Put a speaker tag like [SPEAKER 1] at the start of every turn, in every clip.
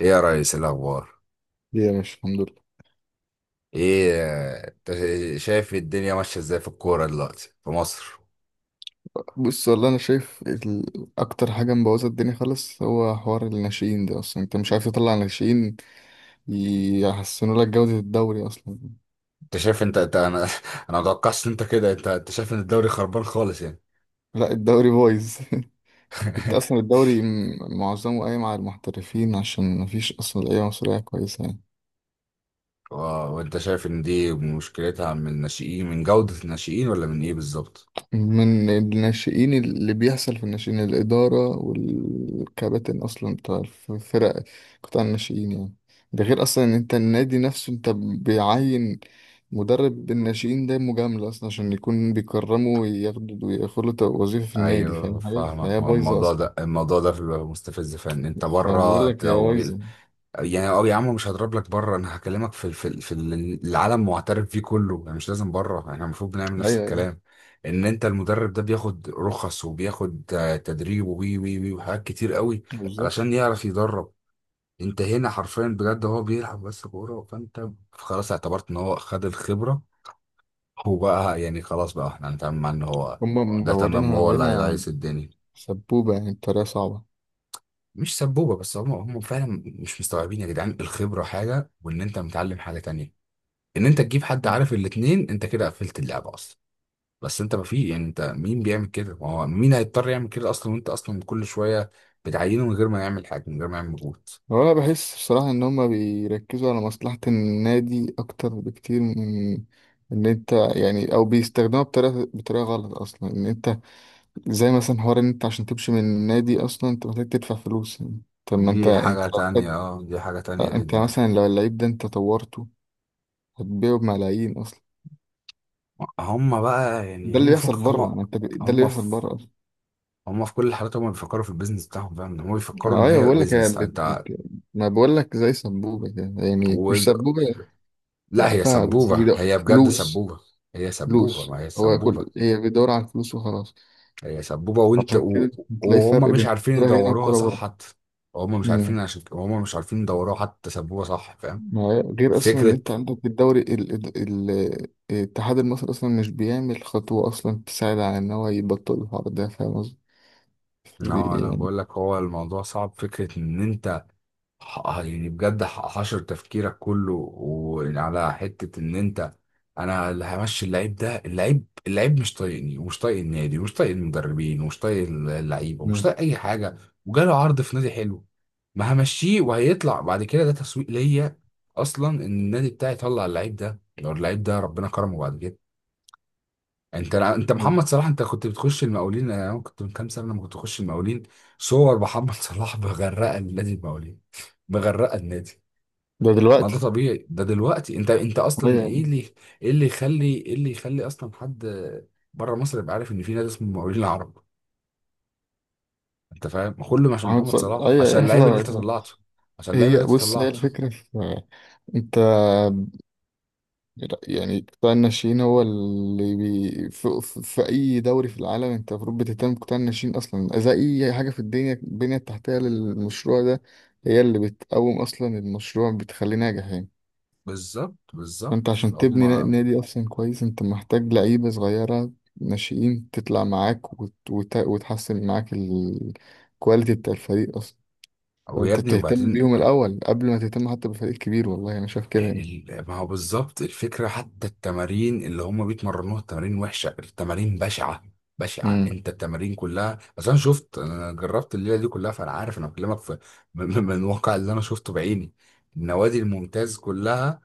[SPEAKER 1] ايه يا ريس الاخبار؟
[SPEAKER 2] ليه يا مش، الحمد لله.
[SPEAKER 1] ايه، انت شايف الدنيا ماشيه ازاي في الكوره دلوقتي في مصر؟
[SPEAKER 2] بص والله انا شايف اكتر حاجه مبوظه الدنيا خالص هو حوار الناشئين ده، اصلا انت مش عارف تطلع ناشئين يحسنوا لك جوده الدوري اصلا.
[SPEAKER 1] انت شايف، انت انا انا ما اتوقعش ان انت كده، انت شايف ان الدوري خربان خالص يعني؟
[SPEAKER 2] لا، الدوري بايظ انت اصلا الدوري معظمه قايم على المحترفين عشان مفيش اصلا لعيبه مصريه كويسه يعني.
[SPEAKER 1] و- وانت شايف ان دي مشكلتها من الناشئين، من جوده الناشئين، ولا من ايه بالظبط؟
[SPEAKER 2] من الناشئين، اللي بيحصل في الناشئين الإدارة والكباتن أصلا بتاع الفرق، قطاع الناشئين يعني. ده غير أصلا إن أنت النادي نفسه، أنت بيعين مدرب الناشئين ده مجاملة أصلا عشان يكون بيكرمه وياخده وياخد له وظيفة في النادي،
[SPEAKER 1] ايوه،
[SPEAKER 2] فاهم حاجة؟
[SPEAKER 1] فاهمك.
[SPEAKER 2] فهي بايظة
[SPEAKER 1] الموضوع
[SPEAKER 2] أصلا.
[SPEAKER 1] ده، الموضوع ده بيبقى مستفز فعلا. انت
[SPEAKER 2] فبقول
[SPEAKER 1] بره
[SPEAKER 2] لك هي
[SPEAKER 1] لو
[SPEAKER 2] بايظة.
[SPEAKER 1] يعني، اه يا عم مش هضرب لك بره، انا هكلمك في العالم معترف بيه كله. يعني مش لازم بره، احنا المفروض بنعمل
[SPEAKER 2] أيوه،
[SPEAKER 1] نفس
[SPEAKER 2] أيوه،
[SPEAKER 1] الكلام. ان انت المدرب ده بياخد رخص، وبياخد تدريب، وي وي وي وحاجات كتير قوي
[SPEAKER 2] بالظبط،
[SPEAKER 1] علشان يعرف يدرب. انت هنا حرفيا بجد هو بيلعب بس كوره، فانت خلاص اعتبرت ان هو خد الخبره. هو بقى يعني خلاص بقى احنا هنتعامل مع ان هو
[SPEAKER 2] هما
[SPEAKER 1] ده تمام،
[SPEAKER 2] مدورينها
[SPEAKER 1] وهو اللي
[SPEAKER 2] هنا
[SPEAKER 1] هيلايس الدنيا.
[SPEAKER 2] سبوبة يعني بطريقة صعبة.
[SPEAKER 1] مش سبوبه بس، هم فعلا مش مستوعبين يا جدعان. الخبره حاجه، وان انت متعلم حاجه تانية. ان انت تجيب حد عارف الاتنين، انت كده قفلت اللعبه اصلا. بس انت ما في، يعني انت مين بيعمل كده؟ ما هو مين هيضطر يعمل كده اصلا، وانت اصلا كل شويه بتعينه من غير ما يعمل حاجه، من غير ما يعمل مجهود.
[SPEAKER 2] هو انا بحس بصراحة ان هما بيركزوا على مصلحة النادي اكتر بكتير من ان انت يعني، او بيستخدموها بطريقة غلط اصلا ان انت، زي مثلا حوار ان انت عشان تمشي من النادي اصلا انت محتاج تدفع فلوس يعني. طب ما انت
[SPEAKER 1] دي
[SPEAKER 2] انت
[SPEAKER 1] حاجه
[SPEAKER 2] لو
[SPEAKER 1] تانية، اه دي حاجه تانية، دي
[SPEAKER 2] انت
[SPEAKER 1] دي, دي.
[SPEAKER 2] مثلا لو اللعيب ده انت طورته هتبيعه بملايين اصلا.
[SPEAKER 1] هم بقى يعني،
[SPEAKER 2] ده اللي
[SPEAKER 1] هم
[SPEAKER 2] بيحصل
[SPEAKER 1] فكك
[SPEAKER 2] بره،
[SPEAKER 1] هم.
[SPEAKER 2] ما انت ده اللي
[SPEAKER 1] هم
[SPEAKER 2] بيحصل
[SPEAKER 1] في،
[SPEAKER 2] بره اصلا.
[SPEAKER 1] هم في كل الحالات هم بيفكروا في البيزنس بتاعهم. فاهم إن هم بيفكروا
[SPEAKER 2] ما
[SPEAKER 1] ان
[SPEAKER 2] ايوه
[SPEAKER 1] هي
[SPEAKER 2] بقول لك هي
[SPEAKER 1] بيزنس؟
[SPEAKER 2] ما بقول لك زي سبوبة كده. يعني مش
[SPEAKER 1] و...
[SPEAKER 2] سبوبة
[SPEAKER 1] لا،
[SPEAKER 2] بقى
[SPEAKER 1] هي
[SPEAKER 2] فيها بس
[SPEAKER 1] سبوبه، هي بجد
[SPEAKER 2] فلوس
[SPEAKER 1] سبوبه. هي سبوبه،
[SPEAKER 2] فلوس
[SPEAKER 1] ما هي
[SPEAKER 2] هو
[SPEAKER 1] سبوبه.
[SPEAKER 2] كل هي بيدور على الفلوس وخلاص.
[SPEAKER 1] هي سبوبة
[SPEAKER 2] صح، عشان كده بتلاقي
[SPEAKER 1] وهم
[SPEAKER 2] فرق
[SPEAKER 1] مش
[SPEAKER 2] بين
[SPEAKER 1] عارفين
[SPEAKER 2] الكرة هنا
[SPEAKER 1] يدوروها
[SPEAKER 2] والكرة
[SPEAKER 1] صح
[SPEAKER 2] بره.
[SPEAKER 1] حتى. هم مش عارفين،
[SPEAKER 2] أمم.
[SPEAKER 1] عشان كده هم مش عارفين يدوروها حتى سبوبة صح، فاهم؟
[SPEAKER 2] ما هي- غير أصلا إن
[SPEAKER 1] فكرة،
[SPEAKER 2] أنت عندك الدوري الاتحاد المصري أصلا مش بيعمل خطوة أصلا تساعد على إن هو يبطل الحوار ده، فاهم قصدي؟
[SPEAKER 1] لا لا،
[SPEAKER 2] يعني،
[SPEAKER 1] بقول لك هو الموضوع صعب. فكرة ان انت، يعني بجد، حشر تفكيرك كله وعلى حتة ان انت، انا اللي همشي اللعيب ده. اللعيب مش طايقني، ومش طايق النادي، ومش طايق المدربين، ومش طايق اللعيبة، ومش
[SPEAKER 2] أمم.
[SPEAKER 1] طايق اي حاجة، وجاله عرض في نادي حلو، ما همشيه. وهيطلع بعد كده، ده تسويق ليا اصلا ان النادي بتاعي يطلع اللعيب ده. لو اللعيب ده ربنا كرمه بعد كده، انت محمد صلاح. انت كنت بتخش المقاولين؟ انا كنت من كام سنة لما كنت اخش المقاولين صور محمد صلاح مغرقة النادي، المقاولين، مغرقة النادي.
[SPEAKER 2] ده
[SPEAKER 1] ما ده
[SPEAKER 2] دلوقتي.
[SPEAKER 1] طبيعي. ده دلوقتي انت
[SPEAKER 2] أيوة
[SPEAKER 1] اصلا ايه
[SPEAKER 2] يعني.
[SPEAKER 1] اللي، ايه اللي يخلي، ايه اللي يخلي اصلا حد بره مصر يبقى عارف ان في نادي اسمه المقاولين العرب؟ انت فاهم؟ كله عشان
[SPEAKER 2] محمد
[SPEAKER 1] محمد
[SPEAKER 2] صلاح،
[SPEAKER 1] صلاح،
[SPEAKER 2] أيوة،
[SPEAKER 1] عشان
[SPEAKER 2] أيوة
[SPEAKER 1] اللعيب اللي انت
[SPEAKER 2] فاهمك.
[SPEAKER 1] طلعته، عشان اللعيب اللي
[SPEAKER 2] هي
[SPEAKER 1] انت
[SPEAKER 2] بص هي
[SPEAKER 1] طلعته.
[SPEAKER 2] الفكرة في أنت، لا، يعني قطاع الناشئين هو اللي في أي دوري في العالم أنت المفروض بتهتم بقطاع الناشئين أصلا زي أي حاجة في الدنيا، البنية التحتية للمشروع ده هي اللي بتقوم، أصلا المشروع بتخليه ناجح يعني.
[SPEAKER 1] بالظبط
[SPEAKER 2] فأنت
[SPEAKER 1] بالظبط،
[SPEAKER 2] عشان تبني
[SPEAKER 1] هما،
[SPEAKER 2] نادي أصلا كويس أنت محتاج لعيبة صغيرة ناشئين تطلع معاك وتحسن معاك الكواليتي بتاع الفريق أصلا.
[SPEAKER 1] ويا
[SPEAKER 2] فأنت
[SPEAKER 1] ابني،
[SPEAKER 2] بتهتم
[SPEAKER 1] وبعدين،
[SPEAKER 2] بيهم الأول قبل ما تهتم حتى بفريق كبير. والله أنا شايف كده
[SPEAKER 1] ما هو بالظبط الفكرة. حتى التمارين اللي هم بيتمرنوها، التمارين وحشة، التمارين بشعة، بشعة.
[SPEAKER 2] يعني.
[SPEAKER 1] انت التمارين كلها، بس انا شفت، انا جربت الليلة دي كلها، فانا عارف، انا بكلمك في من الواقع اللي انا شفته بعيني، النوادي الممتاز كلها،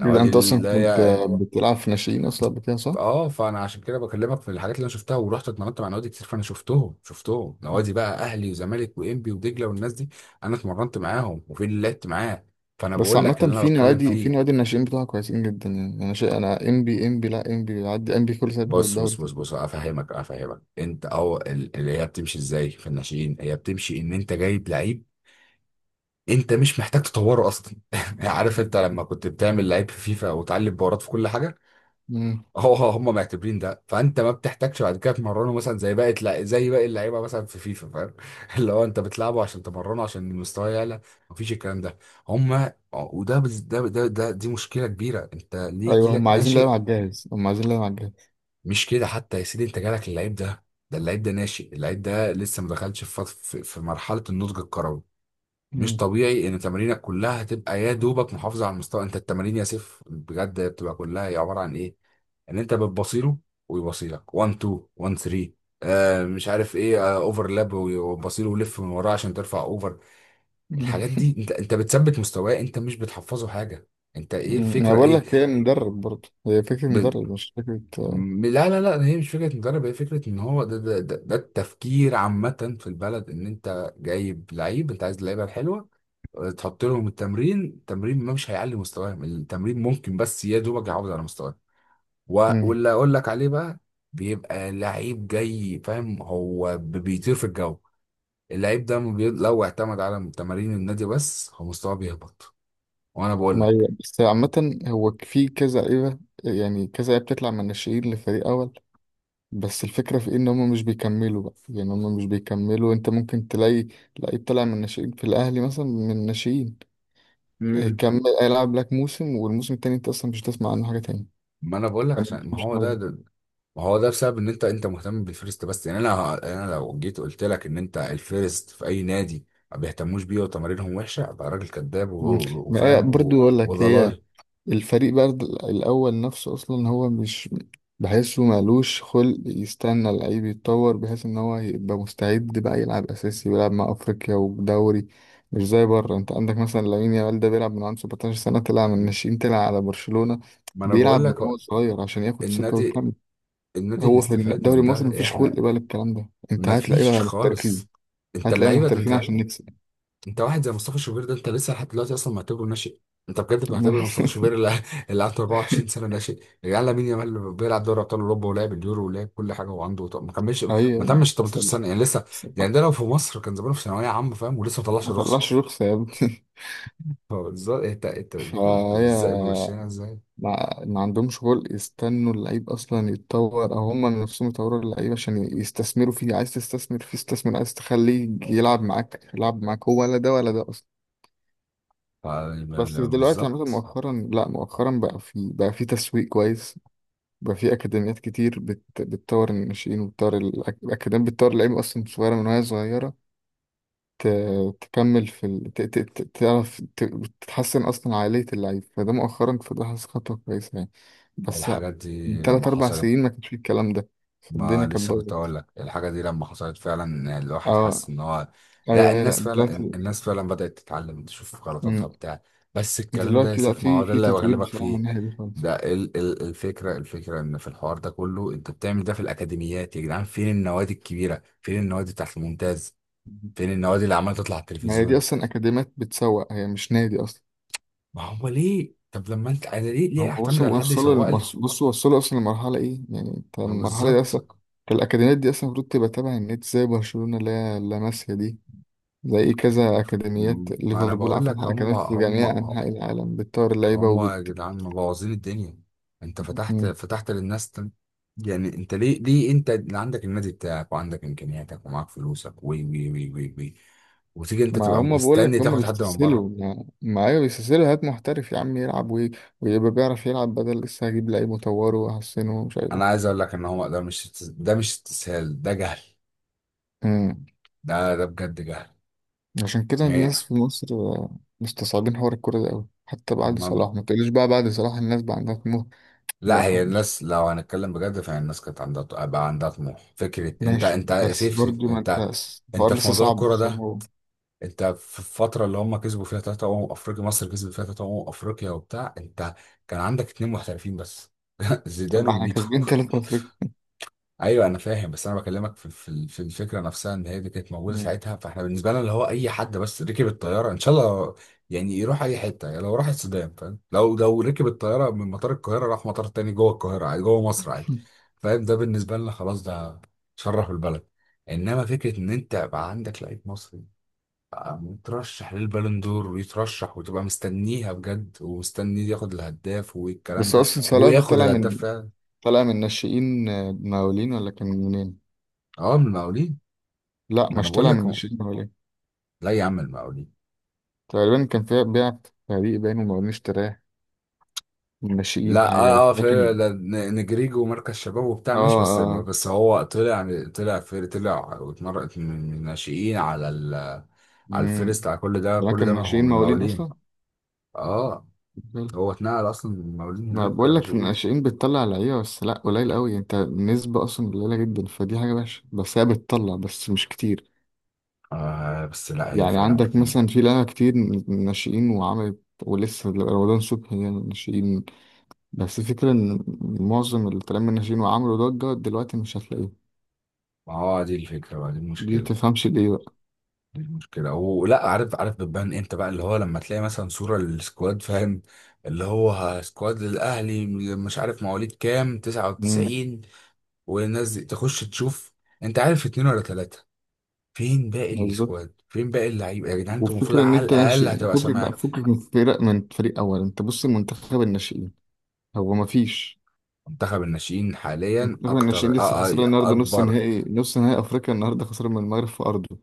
[SPEAKER 2] يبقى
[SPEAKER 1] نوادي
[SPEAKER 2] انت
[SPEAKER 1] اللي
[SPEAKER 2] اصلا كنت
[SPEAKER 1] هي،
[SPEAKER 2] بتلعب في ناشئين اصلا قبل كده، صح؟
[SPEAKER 1] اه، فانا عشان كده بكلمك في الحاجات اللي انا شفتها. ورحت اتمرنت مع نوادي كتير، فانا شفتهم، نوادي بقى اهلي وزمالك وانبي ودجلة والناس دي. انا اتمرنت معاهم، وفي اللي لعبت معاه، فانا
[SPEAKER 2] بس
[SPEAKER 1] بقول لك
[SPEAKER 2] عامة
[SPEAKER 1] اللي انا
[SPEAKER 2] في
[SPEAKER 1] بتكلم
[SPEAKER 2] نوادي، في
[SPEAKER 1] فيه.
[SPEAKER 2] نوادي الناشئين بتوعها كويسين جدا يعني. انا شيء انا ام بي، ام بي، لا، ام بي، بيعدي ام بي كل سنة بياخد
[SPEAKER 1] بص
[SPEAKER 2] الدوري
[SPEAKER 1] بص بص
[SPEAKER 2] تاني.
[SPEAKER 1] بص افهمك، انت، او اللي هي بتمشي ازاي في الناشئين. هي بتمشي ان انت جايب لعيب، انت مش محتاج تطوره اصلا. عارف انت لما كنت بتعمل لعيب في فيفا وتعلم بورات في كل حاجه؟
[SPEAKER 2] مم.
[SPEAKER 1] هو هم معتبرين ده، فانت ما بتحتاجش بعد كده تمرنه مثلا زي زي باقي اللعيبه مثلا في فيفا، فاهم؟ اللي هو انت بتلعبه عشان تمرنه، عشان المستوى يعلى. مفيش الكلام ده. هم وده بز- ده ده ده دي مشكله كبيره. انت ليه يجي
[SPEAKER 2] ايوه، هم
[SPEAKER 1] لك
[SPEAKER 2] عايزين لعيبة
[SPEAKER 1] ناشئ،
[SPEAKER 2] على الجاهز، هم عايزين لعيبة على الجاهز.
[SPEAKER 1] مش كده حتى يا سيدي، انت جالك اللعيب ده، اللعيب ده ناشئ، اللعيب ده لسه ما دخلش في, فط- في في مرحله النضج الكروي. مش
[SPEAKER 2] مم.
[SPEAKER 1] طبيعي ان تمارينك كلها تبقى يا دوبك محافظه على المستوى. انت التمارين يا سيف بجد بتبقى كلها هي عباره عن ايه؟ ان انت بتبصيله ويبصيلك 1 2 1 3، مش عارف ايه، اوفرلاب وبصيله ولف من وراه عشان ترفع اوفر. الحاجات
[SPEAKER 2] مم.
[SPEAKER 1] دي انت بتثبت مستواه، انت مش بتحفظه حاجه. انت ايه
[SPEAKER 2] مم. انا
[SPEAKER 1] الفكره،
[SPEAKER 2] بقول
[SPEAKER 1] ايه؟
[SPEAKER 2] لك هي مدرب برضه، هي فكرة مدرب مش فكرة
[SPEAKER 1] لا، هي مش فكرة مدرب، هي فكرة ان هو ده التفكير عامة في البلد. ان انت جايب لعيب، انت عايز اللعيبة الحلوة، تحط لهم التمرين. التمرين ما مش هيعلي مستواهم، التمرين ممكن بس يا دوبك يعوض على مستواهم.
[SPEAKER 2] مم.
[SPEAKER 1] واللي اقول لك عليه بقى، بيبقى لعيب جاي فاهم، هو بيطير في الجو. اللعيب ده ما بي- لو اعتمد على تمارين النادي بس هو مستواه بيهبط. وانا بقول
[SPEAKER 2] ما هي
[SPEAKER 1] لك،
[SPEAKER 2] بس عامة هو في كذا لعيبة، يعني كذا لعيبة بتطلع من الناشئين لفريق اول، بس الفكرة في إيه إن هما مش بيكملوا بقى. يعني هما مش بيكملوا. أنت ممكن تلاقي لعيب طلع من الناشئين في الأهلي مثلا من الناشئين، إيه، كمل هيلعب لك موسم والموسم التاني أنت أصلا مش هتسمع عنه حاجة تاني.
[SPEAKER 1] ما انا بقول لك،
[SPEAKER 2] أنا
[SPEAKER 1] عشان ما
[SPEAKER 2] مش
[SPEAKER 1] هو
[SPEAKER 2] عارف.
[SPEAKER 1] ده، ما هو ده بسبب ان انت، انت مهتم بالفيرست بس. يعني انا، يعني انا لو جيت قلت لك ان انت الفيرست في اي نادي ما بيهتموش بيه وتمارينهم وحشه، ابقى راجل كذاب
[SPEAKER 2] مم. ما هي
[SPEAKER 1] وفاهم
[SPEAKER 2] برضو أقول لك هي،
[SPEAKER 1] وضلالي.
[SPEAKER 2] الفريق بقى الأول نفسه أصلا هو مش بحسه مالوش خلق يستنى اللعيب يتطور بحيث إن هو يبقى مستعد بقى يلعب أساسي ويلعب مع أفريقيا ودوري. مش زي بره، أنت عندك مثلا لامين يامال ده بيلعب من عنده 17 سنة، طلع من الناشئين، طلع على برشلونة،
[SPEAKER 1] ما انا
[SPEAKER 2] بيلعب
[SPEAKER 1] بقول
[SPEAKER 2] من
[SPEAKER 1] لك
[SPEAKER 2] هو
[SPEAKER 1] هو
[SPEAKER 2] صغير عشان ياخد ثقة
[SPEAKER 1] النادي،
[SPEAKER 2] ويكمل.
[SPEAKER 1] اللي
[SPEAKER 2] هو في
[SPEAKER 1] استفاد
[SPEAKER 2] الدوري
[SPEAKER 1] من
[SPEAKER 2] المصري
[SPEAKER 1] ده
[SPEAKER 2] مفيش خلق
[SPEAKER 1] احنا.
[SPEAKER 2] بقى للكلام ده، أنت
[SPEAKER 1] ما
[SPEAKER 2] هتلاقي
[SPEAKER 1] فيش
[SPEAKER 2] بقى محترفين،
[SPEAKER 1] خالص. انت
[SPEAKER 2] هتلاقي
[SPEAKER 1] اللعيبه ده
[SPEAKER 2] محترفين
[SPEAKER 1] انت،
[SPEAKER 2] عشان نكسب
[SPEAKER 1] انت واحد زي مصطفى شوبير ده، انت لسه لحد دلوقتي اصلا معتبره ناشئ. انت بجد بتعتبر مصطفى شوبير اللي اللي عنده 24 سنه ناشئ؟ يا جدعان، لامين يامال اللي بيلعب دوري ابطال اوروبا، ولعب اليورو، ولعب كل حاجه، وعنده، طب ما كملش
[SPEAKER 2] أيوة
[SPEAKER 1] ما
[SPEAKER 2] يعني.
[SPEAKER 1] تمش
[SPEAKER 2] بس
[SPEAKER 1] 18
[SPEAKER 2] ما
[SPEAKER 1] سنه يعني لسه.
[SPEAKER 2] بس
[SPEAKER 1] يعني
[SPEAKER 2] ما-
[SPEAKER 1] ده لو في مصر كان زمانه في ثانويه عامه، فاهم؟ ولسه ما طلعش
[SPEAKER 2] ما
[SPEAKER 1] رخصه.
[SPEAKER 2] طلعش رخصة يا ابني.
[SPEAKER 1] فبالظبط انت، انتوا
[SPEAKER 2] فهي
[SPEAKER 1] ازاي ماشيينها ازاي؟
[SPEAKER 2] ما عندهمش خلق يستنوا اللعيب اصلا يتطور، او هم نفسهم يطوروا اللعيب عشان يستثمروا فيه. عايز تستثمر فيه استثمر، عايز تخليه يلعب معاك يلعب معاك، هو ولا ده ولا ده اصلا.
[SPEAKER 1] ف-
[SPEAKER 2] بس دلوقتي عامة
[SPEAKER 1] بالظبط.
[SPEAKER 2] مؤخرا، لا، مؤخرا بقى في تسويق كويس. بقى في اكاديميات كتير بتطور الناشئين وبتطور الاكاديميات بتطور اللعيبه اصلا صغيره من وهي صغيره تكمل في ال... ت... ت... ت- تعرف تتحسن أصلا عقلية اللعيب. فده مؤخرا، فده حاسس خطوة كويسة يعني. بس
[SPEAKER 1] الحاجات دي
[SPEAKER 2] من تلات
[SPEAKER 1] لما
[SPEAKER 2] أربع
[SPEAKER 1] حصلت،
[SPEAKER 2] سنين ما كانش فيه الكلام ده،
[SPEAKER 1] ما
[SPEAKER 2] فالدنيا كانت
[SPEAKER 1] لسه كنت
[SPEAKER 2] بايظة.
[SPEAKER 1] اقول لك، الحاجه دي لما حصلت فعلا الواحد حس
[SPEAKER 2] اه،
[SPEAKER 1] ان هو، لا
[SPEAKER 2] أيوه، أيوه، لأ
[SPEAKER 1] الناس فعلا،
[SPEAKER 2] دلوقتي.
[SPEAKER 1] الناس فعلا بدات تتعلم تشوف غلطاتها
[SPEAKER 2] مم.
[SPEAKER 1] بتاع. بس الكلام ده يا
[SPEAKER 2] دلوقتي لأ،
[SPEAKER 1] سيف، ما هو
[SPEAKER 2] في
[SPEAKER 1] ده
[SPEAKER 2] في
[SPEAKER 1] اللي
[SPEAKER 2] تطوير
[SPEAKER 1] بغلبك
[SPEAKER 2] بصراحة من
[SPEAKER 1] فيه.
[SPEAKER 2] الناحية دي خالص.
[SPEAKER 1] ده الفكره، الفكره ان في الحوار ده كله انت بتعمل ده في الاكاديميات. يا جدعان، فين النوادي الكبيره؟ فين النوادي بتاعت الممتاز؟
[SPEAKER 2] مم.
[SPEAKER 1] فين النوادي اللي عماله تطلع على
[SPEAKER 2] ما هي دي
[SPEAKER 1] التلفزيون؟
[SPEAKER 2] أصلا أكاديميات بتسوق، هي مش نادي أصلا.
[SPEAKER 1] ما هو ليه، طب لما انت، انا ليه، ليه
[SPEAKER 2] هم
[SPEAKER 1] اعتمد على
[SPEAKER 2] وصلوا
[SPEAKER 1] حد
[SPEAKER 2] وصلوا
[SPEAKER 1] يسوق لي؟
[SPEAKER 2] بصوا وصلوا أصلا لمرحلة إيه يعني، أنت
[SPEAKER 1] ما
[SPEAKER 2] المرحلة دي
[SPEAKER 1] بالظبط،
[SPEAKER 2] أصلا الأكاديميات دي أصلا المفروض تبقى تابعة النادي، زي برشلونة اللي هي لاماسيا دي، زي كذا أكاديميات
[SPEAKER 1] ما انا
[SPEAKER 2] ليفربول
[SPEAKER 1] بقول
[SPEAKER 2] فتح
[SPEAKER 1] لك هم،
[SPEAKER 2] أكاديميات في
[SPEAKER 1] هم
[SPEAKER 2] جميع أنحاء العالم بتطور اللعيبة
[SPEAKER 1] هم يا
[SPEAKER 2] وبت.
[SPEAKER 1] جدعان مبوظين الدنيا. انت فتحت،
[SPEAKER 2] مم.
[SPEAKER 1] فتحت للناس يعني. انت ليه، ليه انت اللي عندك النادي بتاعك وعندك امكانياتك ومعاك فلوسك وي وي وي وي وي وتيجي انت
[SPEAKER 2] ما
[SPEAKER 1] تبقى
[SPEAKER 2] هما بقول
[SPEAKER 1] مستني
[SPEAKER 2] لك هما
[SPEAKER 1] تاخد حد من بره؟
[SPEAKER 2] بيستسهلوا، ما أيوة بيستسهلوا هات محترف يا عم يلعب ويبقى بيعرف يلعب بدل لسه هجيب لعيب وأطوره وأحسنه ومش عارف
[SPEAKER 1] انا
[SPEAKER 2] إيه.
[SPEAKER 1] عايز اقول لك ان هو ده مش ده مش استسهال، ده جهل،
[SPEAKER 2] مم.
[SPEAKER 1] ده ده بجد جهل،
[SPEAKER 2] عشان كده
[SPEAKER 1] يعني.
[SPEAKER 2] الناس في مصر مستصعبين حوار الكورة ده أوي. حتى بعد
[SPEAKER 1] ما
[SPEAKER 2] صلاح ما تقوليش بقى بعد صلاح الناس بقى عندها طموح.
[SPEAKER 1] لا،
[SPEAKER 2] لا،
[SPEAKER 1] هي
[SPEAKER 2] مش
[SPEAKER 1] الناس لو هنتكلم بجد، فهي الناس كانت عندها، بقى عندها طموح. فكرة انت،
[SPEAKER 2] ماشي،
[SPEAKER 1] انت
[SPEAKER 2] بس
[SPEAKER 1] سيف سيف
[SPEAKER 2] برضو ما أنت
[SPEAKER 1] انت، انت
[SPEAKER 2] الحوار
[SPEAKER 1] في
[SPEAKER 2] لسه
[SPEAKER 1] موضوع
[SPEAKER 2] صعب
[SPEAKER 1] الكرة
[SPEAKER 2] عشان
[SPEAKER 1] ده، انت في الفترة اللي هم كسبوا فيها ثلاثة أمم أفريقيا، مصر كسبت فيها ثلاثة أمم أفريقيا وبتاع، انت كان عندك اتنين محترفين بس،
[SPEAKER 2] طب
[SPEAKER 1] زيدان
[SPEAKER 2] ما إحنا
[SPEAKER 1] وميتو.
[SPEAKER 2] كاسبين تلات أفريقيا.
[SPEAKER 1] ايوه انا فاهم، بس انا بكلمك في الفكرة نفسها ان هي دي كانت موجودة
[SPEAKER 2] مم.
[SPEAKER 1] ساعتها، فاحنا بالنسبة لنا اللي هو اي حد بس ركب الطيارة ان شاء الله يعني يروح اي حتة. يعني لو راح السودان، فاهم، لو، ركب الطيارة من مطار القاهرة راح مطار تاني جوه القاهرة عادي، جوه مصر عادي، فاهم؟ ده بالنسبة لنا خلاص ده شرف البلد. انما فكرة ان انت بقى عندك لعيب مصري يترشح للبالون دور، ويترشح، وتبقى مستنيها بجد، ومستني ياخد الهداف والكلام
[SPEAKER 2] بس
[SPEAKER 1] ده،
[SPEAKER 2] اصلا
[SPEAKER 1] وهو
[SPEAKER 2] صلاح ده
[SPEAKER 1] ياخد
[SPEAKER 2] طالع
[SPEAKER 1] الهداف
[SPEAKER 2] من،
[SPEAKER 1] فعلا.
[SPEAKER 2] طالع من ناشئين مقاولين، ولا كان منين؟
[SPEAKER 1] اه، من المقاولين.
[SPEAKER 2] لا،
[SPEAKER 1] ما انا
[SPEAKER 2] مش
[SPEAKER 1] بقول
[SPEAKER 2] طالع
[SPEAKER 1] لك
[SPEAKER 2] من
[SPEAKER 1] هو،
[SPEAKER 2] ناشئين مقاولين،
[SPEAKER 1] لا يا عم، المقاولين.
[SPEAKER 2] تقريبا كان فيها بيع في فريق باين ومقاولين اشتراه من ناشئين
[SPEAKER 1] لا
[SPEAKER 2] حاجه بس،
[SPEAKER 1] اه اه، في،
[SPEAKER 2] لكن.
[SPEAKER 1] ده نجريجو مركز شباب وبتاع،
[SPEAKER 2] اه،
[SPEAKER 1] ماشي، بس
[SPEAKER 2] اه،
[SPEAKER 1] بس هو طلع، طلع في، طلع واتمرقت من الناشئين على ال... على
[SPEAKER 2] امم.
[SPEAKER 1] الفيرست، على كل ده، كل
[SPEAKER 2] لكن
[SPEAKER 1] ده ما هو
[SPEAKER 2] ناشئين
[SPEAKER 1] من
[SPEAKER 2] مقاولين
[SPEAKER 1] المقاولين.
[SPEAKER 2] اصلا.
[SPEAKER 1] اه،
[SPEAKER 2] حلو.
[SPEAKER 1] هو اتنقل اصلا من المقاولين،
[SPEAKER 2] ما
[SPEAKER 1] هناك
[SPEAKER 2] بقول لك
[SPEAKER 1] ناشئين.
[SPEAKER 2] الناشئين بتطلع لعيبه بس لا، قليل قوي، انت النسبه اصلا قليله جدا، فدي حاجه وحشه، بس هي بتطلع بس مش كتير.
[SPEAKER 1] آه، بس لا هي
[SPEAKER 2] يعني
[SPEAKER 1] فعلا
[SPEAKER 2] عندك
[SPEAKER 1] كتير.
[SPEAKER 2] مثلا في لعيبه كتير من الناشئين وعملت ولسه رمضان صبحي يعني ناشئين. بس الفكرة إن معظم اللي طالع من ناشئين وعملوا ضجة دلوقتي مش هتلاقيه،
[SPEAKER 1] ما هو دي الفكرة بقى، دي
[SPEAKER 2] دي
[SPEAKER 1] المشكلة،
[SPEAKER 2] متفهمش ليه بقى.
[SPEAKER 1] دي المشكلة. ولا عارف، عارف بتبان امتى بقى؟ اللي هو لما تلاقي مثلا صورة للسكواد، فاهم، اللي هو سكواد للأهلي، مش عارف مواليد كام
[SPEAKER 2] امم.
[SPEAKER 1] 99، والناس دي تخش تشوف انت عارف اتنين ولا تلاتة. فين باقي
[SPEAKER 2] بالظبط.
[SPEAKER 1] السكواد؟ فين باقي اللعيبة يا جدعان؟ انتوا المفروض
[SPEAKER 2] والفكرة إن
[SPEAKER 1] على
[SPEAKER 2] أنت
[SPEAKER 1] الأقل
[SPEAKER 2] ناشئ
[SPEAKER 1] هتبقى
[SPEAKER 2] فكك بقى
[SPEAKER 1] سامع.
[SPEAKER 2] فكك من فرق، من فريق أول. أنت بص المنتخب الناشئين هو مفيش،
[SPEAKER 1] منتخب الناشئين حاليا
[SPEAKER 2] المنتخب
[SPEAKER 1] أكتر،
[SPEAKER 2] الناشئين لسه خسران النهاردة نص
[SPEAKER 1] أكبر.
[SPEAKER 2] نهائي، نص نهائي أفريقيا النهاردة خسران من المغرب في أرضه.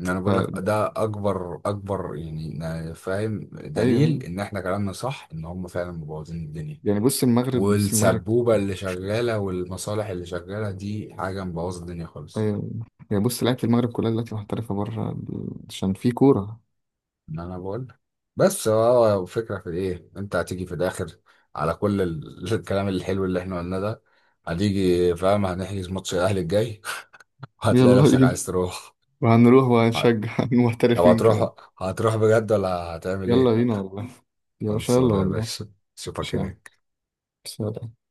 [SPEAKER 1] انا بقول
[SPEAKER 2] فا
[SPEAKER 1] لك ده اكبر، يعني فاهم دليل
[SPEAKER 2] أيوه،
[SPEAKER 1] ان احنا كلامنا صح، ان هم فعلا مبوظين الدنيا،
[SPEAKER 2] يعني بص المغرب، بص المغرب.
[SPEAKER 1] والسبوبة اللي شغالة، والمصالح اللي شغالة، دي حاجة مبوظة الدنيا خالص.
[SPEAKER 2] أيوه، يعني بص لعيبة المغرب كلها دلوقتي محترفة بره عشان في كورة.
[SPEAKER 1] ان انا بقول، بس هو فكرة في ايه؟ انت هتيجي في الاخر على كل الكلام الحلو اللي احنا قلناه ده، هتيجي فاهم هنحجز ماتش الاهلي الجاي، وهتلاقي
[SPEAKER 2] يلا
[SPEAKER 1] نفسك عايز
[SPEAKER 2] بينا.
[SPEAKER 1] تروح.
[SPEAKER 2] وهنروح وهنشجع
[SPEAKER 1] طب
[SPEAKER 2] المحترفين كمان.
[SPEAKER 1] هتروح، هتروح بجد ولا هتعمل
[SPEAKER 2] يلا
[SPEAKER 1] ايه؟
[SPEAKER 2] بينا والله، يا باشا يلا
[SPEAKER 1] خلصانة يا
[SPEAKER 2] والله.
[SPEAKER 1] باشا، اشوفك
[SPEAKER 2] ماشي يا عم،
[SPEAKER 1] هناك.
[SPEAKER 2] سلام.